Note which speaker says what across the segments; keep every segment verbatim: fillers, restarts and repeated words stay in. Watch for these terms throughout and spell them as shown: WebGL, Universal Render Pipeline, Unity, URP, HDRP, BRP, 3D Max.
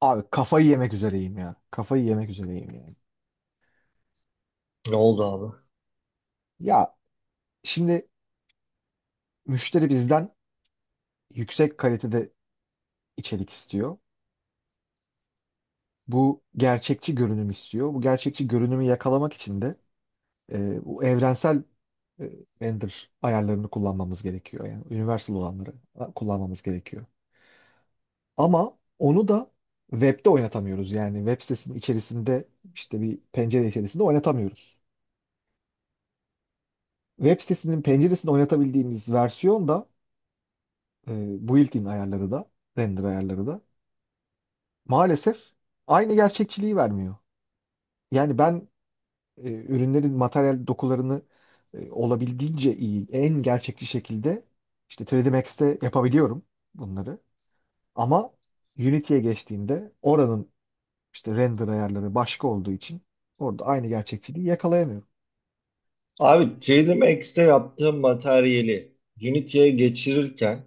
Speaker 1: Abi kafayı yemek üzereyim ya. Kafayı yemek üzereyim yani.
Speaker 2: Ne oldu abi?
Speaker 1: Ya şimdi müşteri bizden yüksek kalitede içerik istiyor. Bu gerçekçi görünüm istiyor. Bu gerçekçi görünümü yakalamak için de e, bu evrensel e, render ayarlarını kullanmamız gerekiyor. Yani universal olanları e, kullanmamız gerekiyor. Ama onu da webde oynatamıyoruz. Yani web sitesinin içerisinde işte bir pencere içerisinde oynatamıyoruz. Web sitesinin penceresinde oynatabildiğimiz versiyon da e, built-in ayarları da, render ayarları da maalesef aynı gerçekçiliği vermiyor. Yani ben e, ürünlerin materyal dokularını e, olabildiğince iyi, en gerçekçi şekilde işte üç D Max'te yapabiliyorum bunları. Ama Unity'ye geçtiğinde oranın işte render ayarları başka olduğu için orada aynı gerçekçiliği yakalayamıyorum.
Speaker 2: Abi T L M X'te yaptığım materyali Unity'ye geçirirken,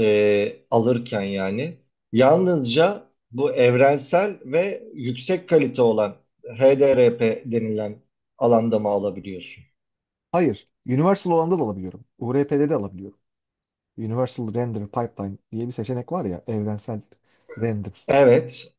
Speaker 2: e, alırken yani yalnızca bu evrensel ve yüksek kalite olan H D R P denilen alanda mı alabiliyorsun?
Speaker 1: Hayır, Universal olanda da alabiliyorum. U R P'de de alabiliyorum. Universal Render Pipeline diye bir seçenek var ya, evrensel render
Speaker 2: Evet.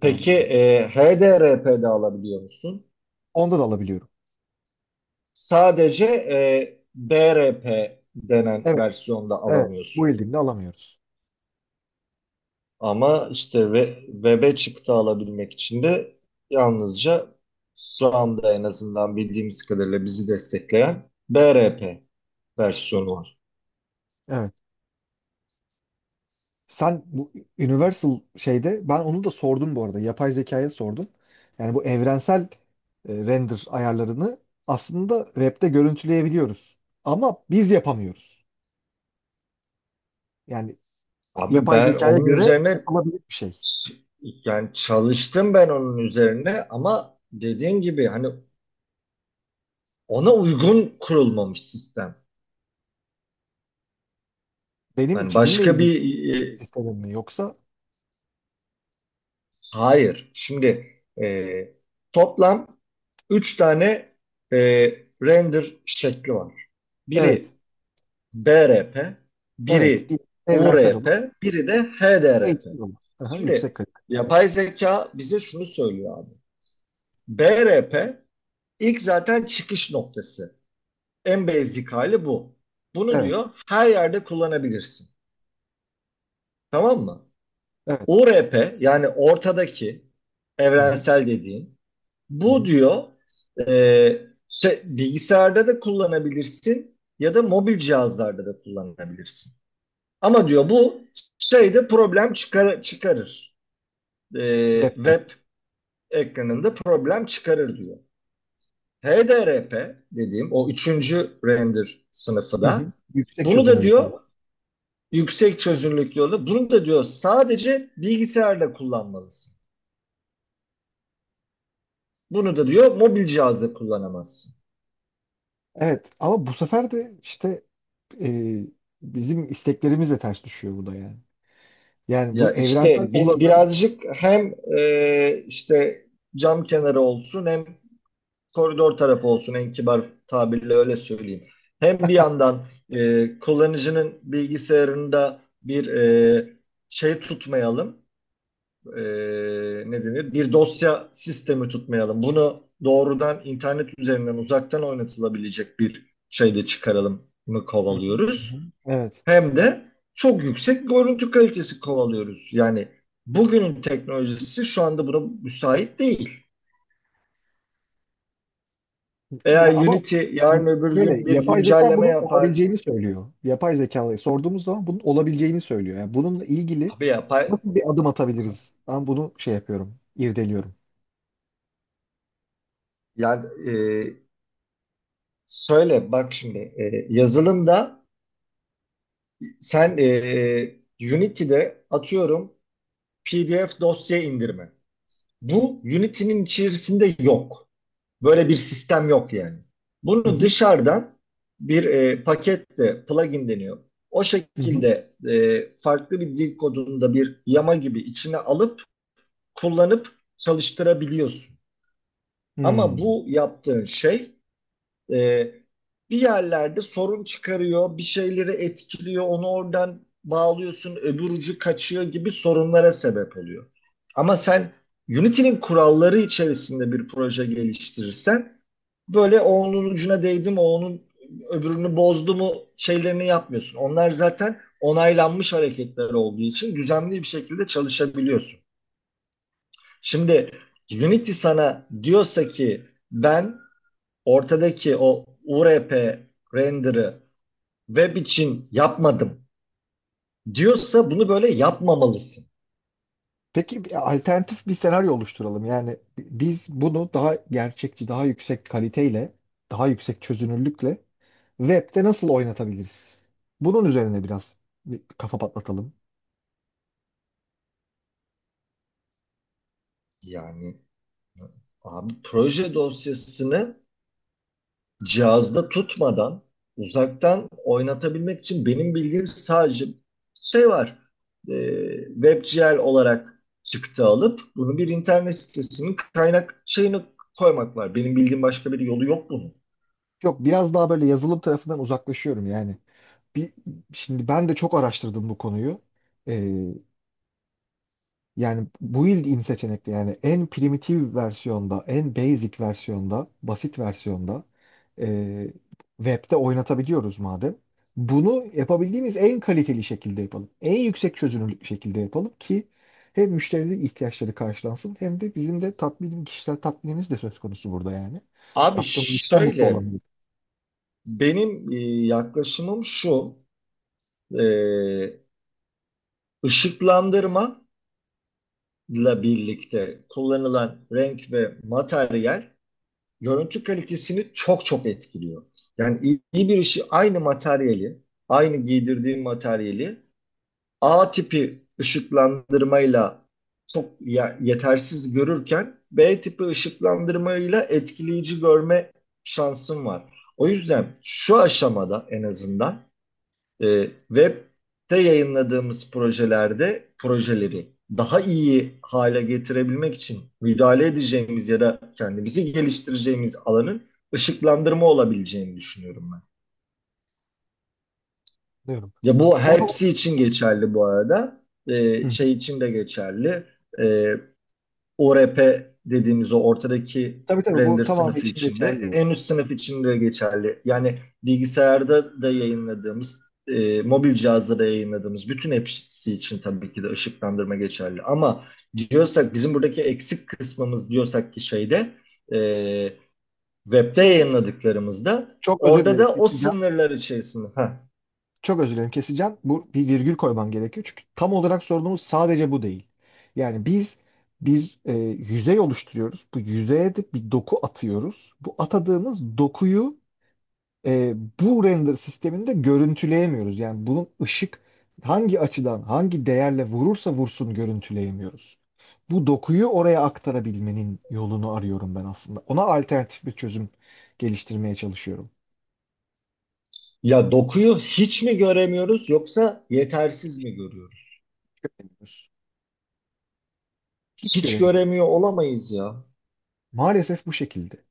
Speaker 2: Peki
Speaker 1: ayarlama.
Speaker 2: e, H D R P'de alabiliyor musun?
Speaker 1: Onda da alabiliyorum.
Speaker 2: Sadece e, B R P denen
Speaker 1: Evet,
Speaker 2: versiyonda
Speaker 1: evet. Bu
Speaker 2: alamıyorsun.
Speaker 1: Wielding'de alamıyoruz.
Speaker 2: Ama işte ve, web'e çıktı alabilmek için de yalnızca şu anda en azından bildiğimiz kadarıyla bizi destekleyen B R P versiyonu var.
Speaker 1: Evet. Sen bu Universal şeyde ben onu da sordum bu arada. Yapay zekaya sordum. Yani bu evrensel e, render ayarlarını aslında web'de görüntüleyebiliyoruz. Ama biz yapamıyoruz. Yani
Speaker 2: Abi
Speaker 1: yapay
Speaker 2: ben
Speaker 1: zekaya
Speaker 2: onun
Speaker 1: göre
Speaker 2: üzerine
Speaker 1: yapılabilir bir şey.
Speaker 2: ç- yani çalıştım ben onun üzerine, ama dediğin gibi hani ona uygun kurulmamış sistem.
Speaker 1: Benim
Speaker 2: Hani
Speaker 1: çizimle
Speaker 2: başka
Speaker 1: ilgili
Speaker 2: bir e,
Speaker 1: sistemim mi yoksa?
Speaker 2: hayır. Şimdi e, toplam üç tane e, render şekli var.
Speaker 1: Evet.
Speaker 2: Biri B R P,
Speaker 1: Evet.
Speaker 2: biri
Speaker 1: Değil.
Speaker 2: U
Speaker 1: Evrensel
Speaker 2: R
Speaker 1: olan,
Speaker 2: P, biri de H D R P.
Speaker 1: H D olan. Aha, yüksek
Speaker 2: Şimdi
Speaker 1: kalite.
Speaker 2: yapay zeka bize şunu söylüyor abi. B R P ilk zaten çıkış noktası. En basic hali bu. Bunu
Speaker 1: Evet.
Speaker 2: diyor her yerde kullanabilirsin. Tamam mı?
Speaker 1: Evet.
Speaker 2: U R P yani ortadaki
Speaker 1: Hı hı.
Speaker 2: evrensel dediğin
Speaker 1: Hı
Speaker 2: bu,
Speaker 1: hı.
Speaker 2: diyor e, şey, bilgisayarda da kullanabilirsin ya da mobil cihazlarda da kullanabilirsin. Ama diyor bu şeyde problem çıkar çıkarır. Ee,
Speaker 1: Web'de.
Speaker 2: web ekranında problem çıkarır diyor. H D R P dediğim o üçüncü render sınıfı
Speaker 1: Hı
Speaker 2: da,
Speaker 1: hı. Yüksek
Speaker 2: bunu da
Speaker 1: çözünürlüklü
Speaker 2: diyor
Speaker 1: olan.
Speaker 2: yüksek çözünürlüklü olur. Bunu da diyor sadece bilgisayarda kullanmalısın. Bunu da diyor mobil cihazda kullanamazsın.
Speaker 1: Evet ama bu sefer de işte e, bizim isteklerimizle ters düşüyor bu da yani. Yani bu
Speaker 2: Ya
Speaker 1: evrensel
Speaker 2: işte biz
Speaker 1: olanın.
Speaker 2: birazcık hem e, işte cam kenarı olsun hem koridor tarafı olsun, en kibar tabirle öyle söyleyeyim. Hem bir yandan e, kullanıcının bilgisayarında bir e, şey tutmayalım, e, ne denir? Bir dosya sistemi tutmayalım. Bunu doğrudan internet üzerinden uzaktan oynatılabilecek bir şeyde çıkaralım mı
Speaker 1: Hı hı, hı
Speaker 2: kovalıyoruz.
Speaker 1: hı. Evet.
Speaker 2: Hem de çok yüksek görüntü kalitesi kovalıyoruz. Yani bugünün teknolojisi şu anda buna müsait değil. Veya
Speaker 1: Ya ama
Speaker 2: Unity yarın
Speaker 1: şimdi
Speaker 2: öbür
Speaker 1: şöyle
Speaker 2: gün bir
Speaker 1: yapay zeka
Speaker 2: güncelleme
Speaker 1: bunun
Speaker 2: yapar.
Speaker 1: olabileceğini söylüyor. Yapay zekaya sorduğumuz zaman bunun olabileceğini söylüyor. Yani bununla ilgili
Speaker 2: Tabii yapar.
Speaker 1: nasıl bir adım atabiliriz? Ben bunu şey yapıyorum, irdeliyorum.
Speaker 2: Yani e, söyle bak şimdi, e, yazılımda sen e, Unity'de atıyorum P D F dosya indirme. Bu Unity'nin içerisinde yok. Böyle bir sistem yok yani.
Speaker 1: Hı
Speaker 2: Bunu
Speaker 1: hı.
Speaker 2: dışarıdan bir e, paketle plugin deniyor. O
Speaker 1: Hı hı. Hı. Hı.
Speaker 2: şekilde e, farklı bir dil kodunda bir yama gibi içine alıp kullanıp çalıştırabiliyorsun. Ama
Speaker 1: Hmm.
Speaker 2: bu yaptığın şey e, bir yerlerde sorun çıkarıyor, bir şeyleri etkiliyor, onu oradan bağlıyorsun, öbür ucu kaçıyor gibi sorunlara sebep oluyor. Ama sen Unity'nin kuralları içerisinde bir proje geliştirirsen, böyle o onun ucuna değdi mi, o onun öbürünü bozdu mu şeylerini yapmıyorsun. Onlar zaten onaylanmış hareketler olduğu için düzenli bir şekilde çalışabiliyorsun. Şimdi Unity sana diyorsa ki ben ortadaki o U R P render'ı web için yapmadım, diyorsa bunu böyle yapmamalısın.
Speaker 1: Peki bir alternatif bir senaryo oluşturalım. Yani biz bunu daha gerçekçi, daha yüksek kaliteyle, daha yüksek çözünürlükle web'de nasıl oynatabiliriz? Bunun üzerine biraz bir kafa patlatalım.
Speaker 2: Yani abi proje dosyasını cihazda tutmadan uzaktan oynatabilmek için benim bildiğim sadece şey var. E, WebGL olarak çıktı alıp bunu bir internet sitesinin kaynak şeyini koymak var. Benim bildiğim başka bir yolu yok bunun.
Speaker 1: Yok biraz daha böyle yazılım tarafından uzaklaşıyorum yani. Bir, şimdi ben de çok araştırdım bu konuyu. Ee, Yani build in seçenekli yani en primitif versiyonda, en basic versiyonda, basit versiyonda e, web'de oynatabiliyoruz madem. Bunu yapabildiğimiz en kaliteli şekilde yapalım. En yüksek çözünürlük şekilde yapalım ki hem müşterilerin ihtiyaçları karşılansın hem de bizim de tatmin, kişisel tatminimiz de söz konusu burada yani.
Speaker 2: Abi
Speaker 1: Yaptığımız işten mutlu
Speaker 2: şöyle,
Speaker 1: olamıyorum.
Speaker 2: benim e, yaklaşımım şu. e, ışıklandırma ile birlikte kullanılan renk ve materyal görüntü kalitesini çok çok etkiliyor. Yani iyi, iyi bir işi, aynı materyali, aynı giydirdiğim materyali A tipi ışıklandırmayla çok yetersiz görürken B tipi ışıklandırmayla etkileyici görme şansım var. O yüzden şu aşamada en azından E, web'te yayınladığımız projelerde projeleri daha iyi hale getirebilmek için müdahale edeceğimiz ya da kendimizi geliştireceğimiz alanın ışıklandırma olabileceğini düşünüyorum ben.
Speaker 1: Diyorum.
Speaker 2: Ya bu
Speaker 1: Onu.
Speaker 2: hepsi için geçerli bu arada. E,
Speaker 1: Hı.
Speaker 2: şey için de geçerli. E, O R P dediğimiz o ortadaki
Speaker 1: Tabii tabii bu
Speaker 2: render
Speaker 1: tamamı
Speaker 2: sınıfı
Speaker 1: için
Speaker 2: içinde,
Speaker 1: geçerli.
Speaker 2: en üst sınıf içinde geçerli. Yani bilgisayarda da yayınladığımız, e, mobil cihazda da yayınladığımız bütün hepsi için tabii ki de ışıklandırma geçerli. Ama diyorsak bizim buradaki eksik kısmımız, diyorsak ki şeyde, e, webde
Speaker 1: Şimdi
Speaker 2: yayınladıklarımızda
Speaker 1: çok özür
Speaker 2: orada
Speaker 1: dilerim.
Speaker 2: da o
Speaker 1: Kesin.
Speaker 2: sınırlar içerisinde. Ha,
Speaker 1: Çok özür dilerim, keseceğim. Bu bir virgül koymam gerekiyor. Çünkü tam olarak sorunumuz sadece bu değil. Yani biz bir e, yüzey oluşturuyoruz. Bu yüzeye de bir doku atıyoruz. Bu atadığımız dokuyu e, bu render sisteminde görüntüleyemiyoruz. Yani bunun ışık hangi açıdan, hangi değerle vurursa vursun görüntüleyemiyoruz. Bu dokuyu oraya aktarabilmenin yolunu arıyorum ben aslında. Ona alternatif bir çözüm geliştirmeye çalışıyorum.
Speaker 2: ya dokuyu hiç mi göremiyoruz yoksa yetersiz mi görüyoruz?
Speaker 1: Göremiyoruz. Hiç
Speaker 2: Hiç
Speaker 1: göremiyorum.
Speaker 2: göremiyor olamayız ya.
Speaker 1: Maalesef bu şekilde.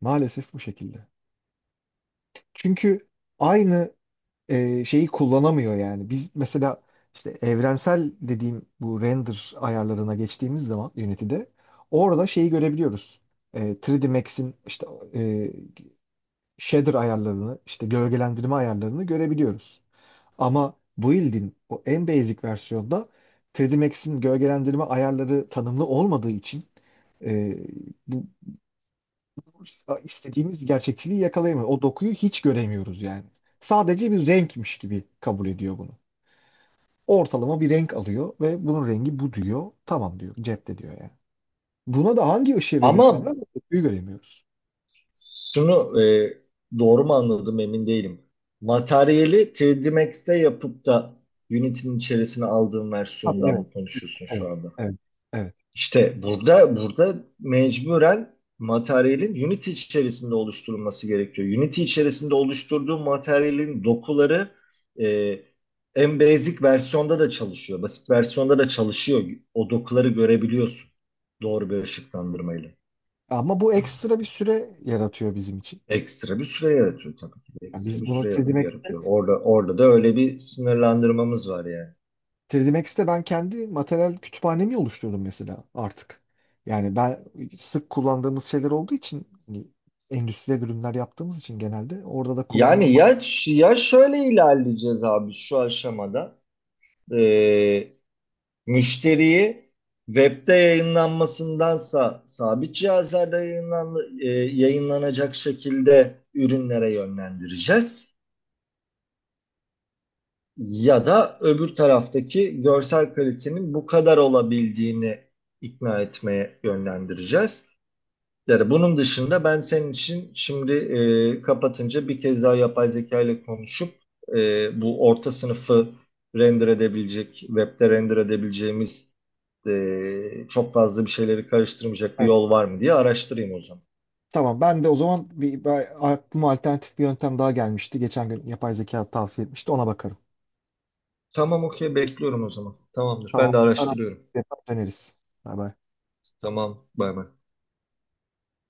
Speaker 1: Maalesef bu şekilde. Çünkü aynı e, şeyi kullanamıyor yani. Biz mesela işte evrensel dediğim bu render ayarlarına geçtiğimiz zaman Unity'de orada şeyi görebiliyoruz. E, üç D Max'in işte e, shader ayarlarını, işte gölgelendirme ayarlarını görebiliyoruz. Ama Build'in o en basic versiyonda üç D Max'in gölgelendirme ayarları tanımlı olmadığı için e, bu istediğimiz gerçekçiliği yakalayamıyoruz. O dokuyu hiç göremiyoruz yani. Sadece bir renkmiş gibi kabul ediyor bunu. Ortalama bir renk alıyor ve bunun rengi bu diyor. Tamam diyor. Cepte diyor yani. Buna da hangi ışığı verirsen ver
Speaker 2: Ama
Speaker 1: o dokuyu göremiyoruz.
Speaker 2: şunu e, doğru mu anladım emin değilim. Materyali üç D Max'te yapıp da Unity'nin içerisine aldığım
Speaker 1: Tabii
Speaker 2: versiyondan
Speaker 1: evet,
Speaker 2: mı konuşuyorsun
Speaker 1: evet,
Speaker 2: şu anda?
Speaker 1: evet, evet.
Speaker 2: İşte burada burada mecburen materyalin Unity içerisinde oluşturulması gerekiyor. Unity içerisinde oluşturduğu materyalin dokuları e, en basic versiyonda da çalışıyor. Basit versiyonda da çalışıyor. O dokuları görebiliyorsun doğru bir ışıklandırmayla.
Speaker 1: Ama bu ekstra bir süre yaratıyor bizim için.
Speaker 2: Ekstra bir süre yaratıyor tabii ki. de,
Speaker 1: Yani
Speaker 2: Ekstra
Speaker 1: biz
Speaker 2: bir
Speaker 1: buna
Speaker 2: süre yar-
Speaker 1: demek.
Speaker 2: yaratıyor. Orada orada da öyle bir sınırlandırmamız var yani.
Speaker 1: üç D Max'te ben kendi materyal kütüphanemi oluşturdum mesela artık. Yani ben sık kullandığımız şeyler olduğu için hani endüstriyel ürünler yaptığımız için genelde orada da kullanılan
Speaker 2: Yani
Speaker 1: ma-
Speaker 2: ya, ş- ya şöyle ilerleyeceğiz abi şu aşamada. Ee, Müşteriyi webde yayınlanmasındansa sabit cihazlarda yayınlan, e, yayınlanacak şekilde ürünlere yönlendireceğiz. Ya da öbür taraftaki görsel kalitenin bu kadar olabildiğini ikna etmeye yönlendireceğiz. Yani bunun dışında ben senin için şimdi e, kapatınca bir kez daha yapay zeka ile konuşup e, bu orta sınıfı render edebilecek, webde render edebileceğimiz e, çok fazla bir şeyleri karıştırmayacak bir
Speaker 1: Evet.
Speaker 2: yol var mı diye araştırayım o zaman.
Speaker 1: Tamam ben de o zaman bir, bir aklıma alternatif bir yöntem daha gelmişti. Geçen gün yapay zeka tavsiye etmişti ona bakarım.
Speaker 2: Tamam okey, bekliyorum o zaman. Tamamdır,
Speaker 1: Tamam.
Speaker 2: ben de
Speaker 1: Ara
Speaker 2: araştırıyorum.
Speaker 1: döneriz. Bay bay.
Speaker 2: Tamam, bay bay.